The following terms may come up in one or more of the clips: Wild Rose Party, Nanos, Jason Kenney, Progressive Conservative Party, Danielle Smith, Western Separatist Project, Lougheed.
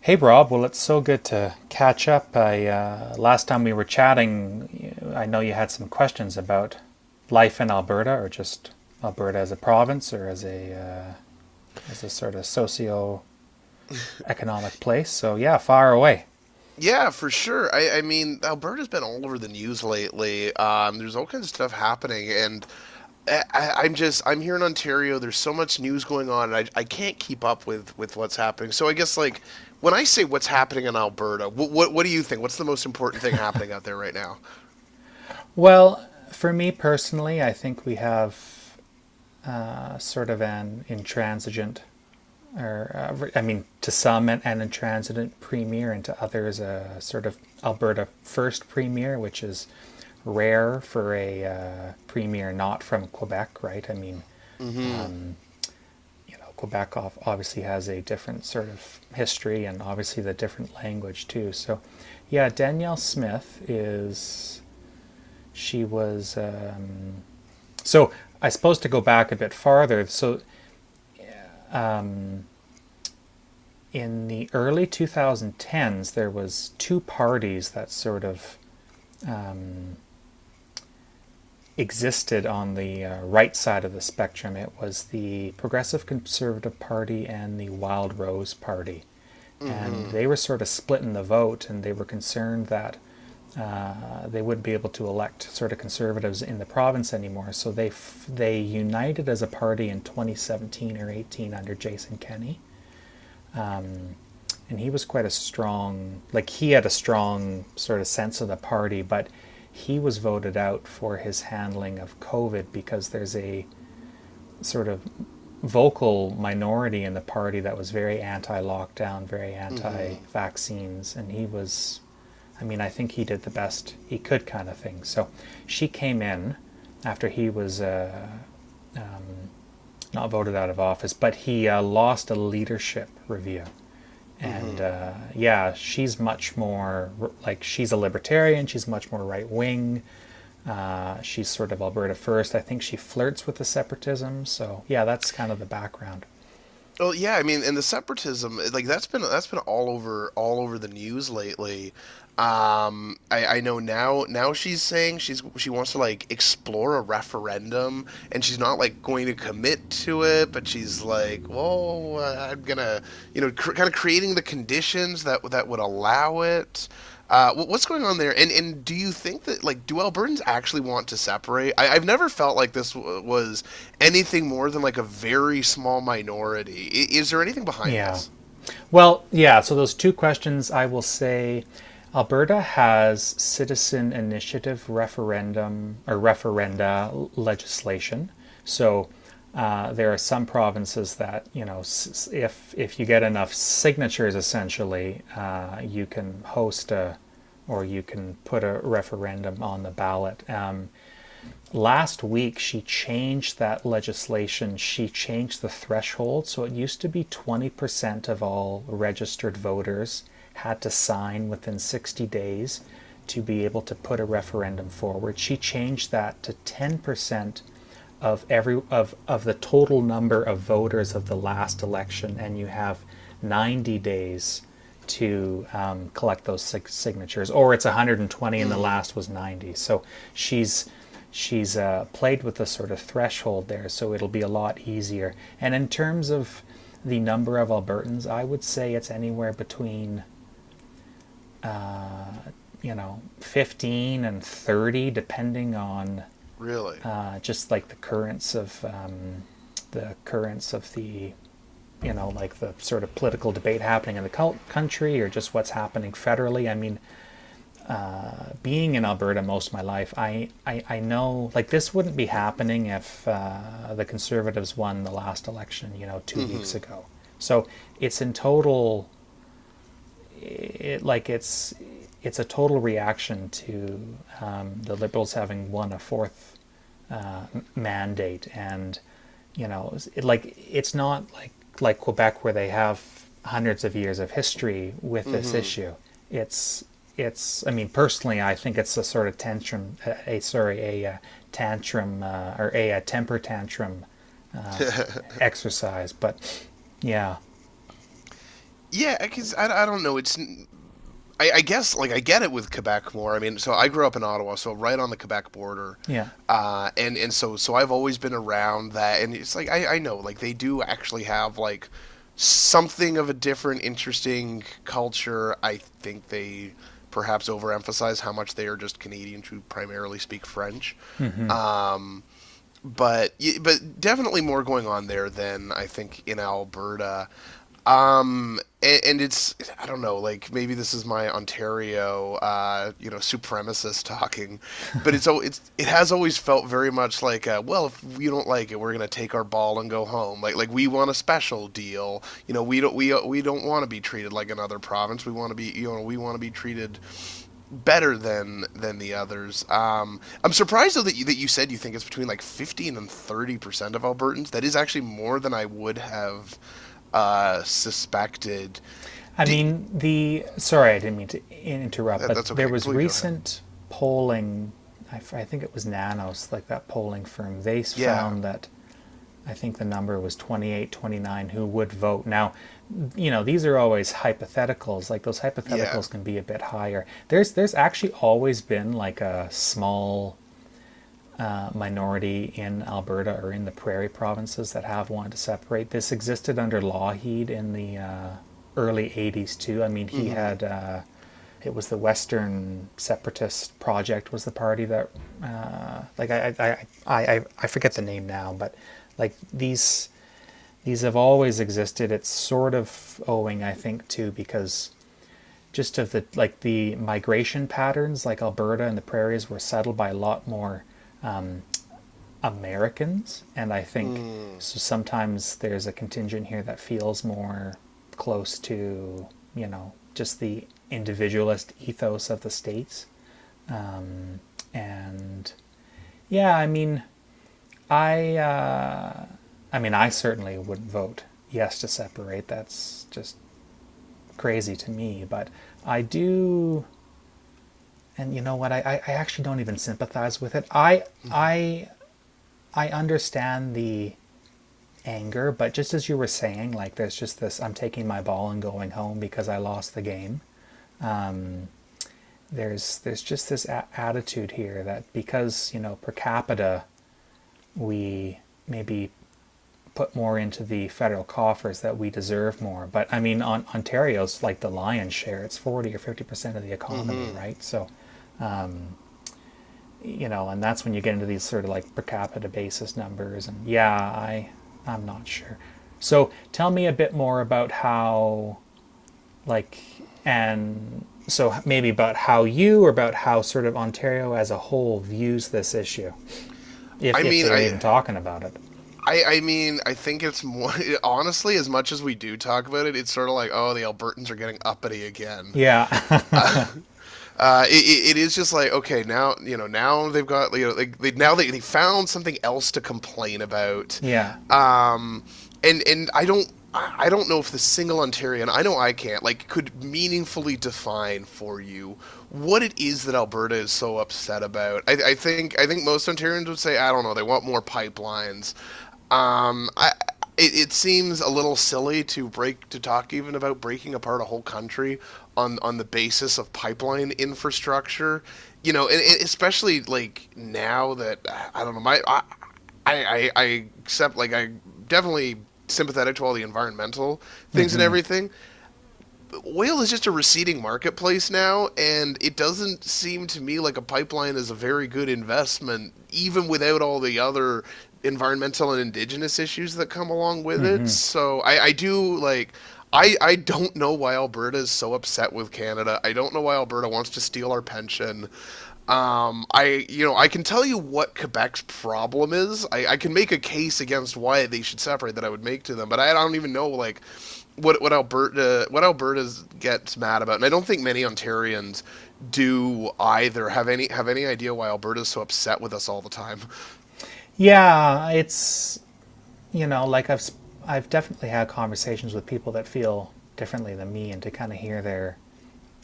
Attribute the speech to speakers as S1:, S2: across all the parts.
S1: Hey, Rob. Well, it's so good to catch up. I Last time we were chatting, I know you had some questions about life in Alberta, or just Alberta as a province, or as a sort of socio-economic place. So yeah, far away.
S2: Yeah, for sure. I mean, Alberta's been all over the news lately. There's all kinds of stuff happening, and I, I'm just I'm here in Ontario. There's so much news going on, and I can't keep up with what's happening. So I guess like when I say what's happening in Alberta, what do you think? What's the most important thing happening out there right now?
S1: Well, for me personally, I think we have sort of an intransigent or I mean, to some an intransitant premier, and to others a sort of Alberta first premier, which is rare for a premier not from Quebec, right? I mean,
S2: Mm-hmm.
S1: you know, Quebec obviously has a different sort of history and obviously the different language too. So, yeah, Danielle Smith is, she was, so I suppose, to go back a bit farther. So in the early 2010s, there was two parties that sort of existed on the right side of the spectrum. It was the Progressive Conservative Party and the Wild Rose Party. And
S2: Mm-hmm.
S1: they were sort of split in the vote, and they were concerned that they wouldn't be able to elect sort of conservatives in the province anymore. So they united as a party in 2017 or 18 under Jason Kenney. And he was quite a strong, like, he had a strong sort of sense of the party, but he was voted out for his handling of COVID because there's a sort of vocal minority in the party that was very anti-lockdown, very anti-vaccines, and he was, I mean, I think he did the best he could, kind of thing. So she came in after he was not voted out of office, but he lost a leadership review. And yeah, she's much more like she's a libertarian. She's much more right wing. She's sort of Alberta first. I think she flirts with the separatism. So yeah, that's kind of the background.
S2: Well, yeah, I mean, and the separatism, like that's been all over the news lately. I know now she's saying she wants to like explore a referendum, and she's not like going to commit to it, but she's like, well, I'm gonna, you know, kind of creating the conditions that would allow it. What's going on there? And do you think that like do Albertans actually want to separate? I've never felt like was anything more than like a very small minority. Is there anything behind
S1: Yeah.
S2: this?
S1: Well, yeah, so those two questions, I will say Alberta has citizen initiative referendum or referenda legislation. So there are some provinces that, you know, if you get enough signatures, essentially, you can host a or you can put a referendum on the ballot. Last week she changed that legislation. She changed the threshold. So it used to be 20% of all registered voters had to sign within 60 days to be able to put a referendum forward. She changed that to 10% of the total number of voters of the last election, and you have 90 days to collect those signatures, or it's 120 and the
S2: Mm.
S1: last was 90. So she's she's played with the sort of threshold there, so it'll be a lot easier. And in terms of the number of Albertans, I would say it's anywhere between 15 and 30, depending on.
S2: Really?
S1: Just like the currents of the sort of political debate happening in the country or just what's happening federally, I mean, being in Alberta most of my life, I know, like, this wouldn't be happening if the conservatives won the last election 2 weeks
S2: Mm-hmm.
S1: ago. So it's in total, it like it's a total reaction to the liberals having won a fourth mandate. And, you know it's not like Quebec where they have hundreds of years of history with this
S2: Mm-hmm.
S1: issue. It's it's I mean, personally, I think it's a sort of tantrum, a, sorry, a, tantrum, or a, temper tantrum exercise, but yeah.
S2: Yeah, because I don't know. It's I guess like I get it with Quebec more. I mean, so I grew up in Ottawa, so right on the Quebec border.
S1: Yeah,
S2: And so I've always been around that, and it's like I know like they do actually have like something of a different, interesting culture. I think they perhaps overemphasize how much they are just Canadians who primarily speak French. Um, but definitely more going on there than I think in Alberta. It's I don't know, like maybe this is my Ontario, you know, supremacist talking, but it has always felt very much like, well, if you don't like it, we're gonna take our ball and go home. Like we want a special deal. You know, we don't want to be treated like another province. We want to be, you know, we want to be treated better than the others. I'm surprised though that you said you think it's between like 15 and 30% of Albertans. That is actually more than I would have suspected.
S1: I
S2: D-
S1: mean, the sorry, I didn't mean to interrupt,
S2: that,
S1: but
S2: that's
S1: there
S2: okay.
S1: was
S2: Please go ahead.
S1: recent polling. I think it was Nanos, like that polling firm. They
S2: Yeah.
S1: found that I think the number was 28, 29 who would vote. Now, you know, these are always hypotheticals. Like those
S2: Yeah.
S1: hypotheticals can be a bit higher. There's actually always been like a small minority in Alberta or in the prairie provinces that have wanted to separate. This existed under Lougheed in the early 80s too. I mean, he
S2: Mm-hmm.
S1: had it was the Western Separatist Project, was the party that uh, like I I, I forget the name now, but like these have always existed. It's sort of owing, I think, too, because just of the migration patterns, like Alberta and the prairies were settled by a lot more Americans, and I think
S2: Mm.
S1: so. Sometimes there's a contingent here that feels more close to just the individualist ethos of the states. And yeah, I mean, I uh, I certainly wouldn't vote yes to separate. That's just crazy to me, but I do. And you know what? I actually don't even sympathize with it. I I understand the anger, but just as you were saying, like, there's just this. I'm taking my ball and going home because I lost the game. There's just this attitude here that because, you know, per capita, we maybe put more into the federal coffers that we deserve more. But I mean, on Ontario's like the lion's share. It's 40% or 50% of the economy,
S2: Mm-hmm.
S1: right? So, you know, and that's when you get into these sort of like per capita basis numbers. And yeah, I'm not sure. So tell me a bit more about how, like and so maybe about how you, or about how sort of Ontario as a whole views this issue,
S2: I
S1: if
S2: mean,
S1: they are
S2: I,
S1: even talking about it.
S2: I mean, I think it's more honestly. As much as we do talk about it, it's sort of like, oh, the Albertans are getting uppity again.
S1: Yeah,
S2: Uh, it is just like, okay, now, you know, now they've got, you know, like now they found something else to complain about,
S1: yeah,
S2: um, and I don't know if the single Ontarian, I know I can't, like, could meaningfully define for you what it is that Alberta is so upset about. I think I think most Ontarians would say, I don't know, they want more pipelines. Um, I, it seems a little silly to break to talk even about breaking apart a whole country on the basis of pipeline infrastructure. You know, and especially like now that I don't know my I accept like I definitely sympathetic to all the environmental things and everything. Oil is just a receding marketplace now, and it doesn't seem to me like a pipeline is a very good investment, even without all the other environmental and indigenous issues that come along with it. So I do like. I don't know why Alberta is so upset with Canada. I don't know why Alberta wants to steal our pension. I You know, I can tell you what Quebec's problem is. I can make a case against why they should separate that I would make to them, but I don't even know like what Alberta's gets mad about, and I don't think many Ontarians do either. Have any idea why Alberta's so upset with us all the time?
S1: yeah. It's you know like I've I've definitely had conversations with people that feel differently than me, and to kind of hear their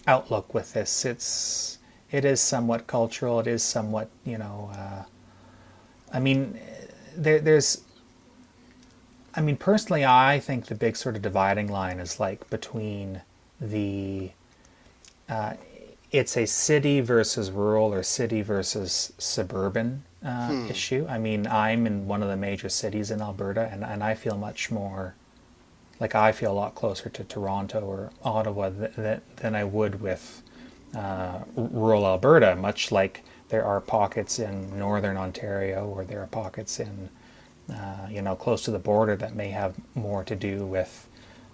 S1: outlook with this. It is somewhat cultural. It is somewhat, you know. I mean, there, there's. I mean, personally, I think the big sort of dividing line is like between the, it's a city versus rural or city versus suburban
S2: Hmm.
S1: issue. I mean, I'm in one of the major cities in Alberta, and, I feel much more like I feel a lot closer to Toronto or Ottawa than I would with rural Alberta, much like there are pockets in northern Ontario or there are pockets in, you know, close to the border that may have more to do with,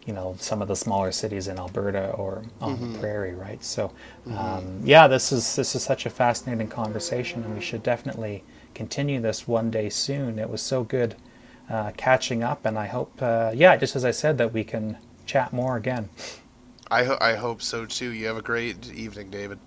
S1: you know, some of the smaller cities in Alberta or on the prairie, right? So, yeah, this is such a fascinating conversation, and we should definitely continue this one day soon. It was so good catching up, and I hope, yeah, just as I said, that we can chat more again.
S2: I hope so too. You have a great evening, David.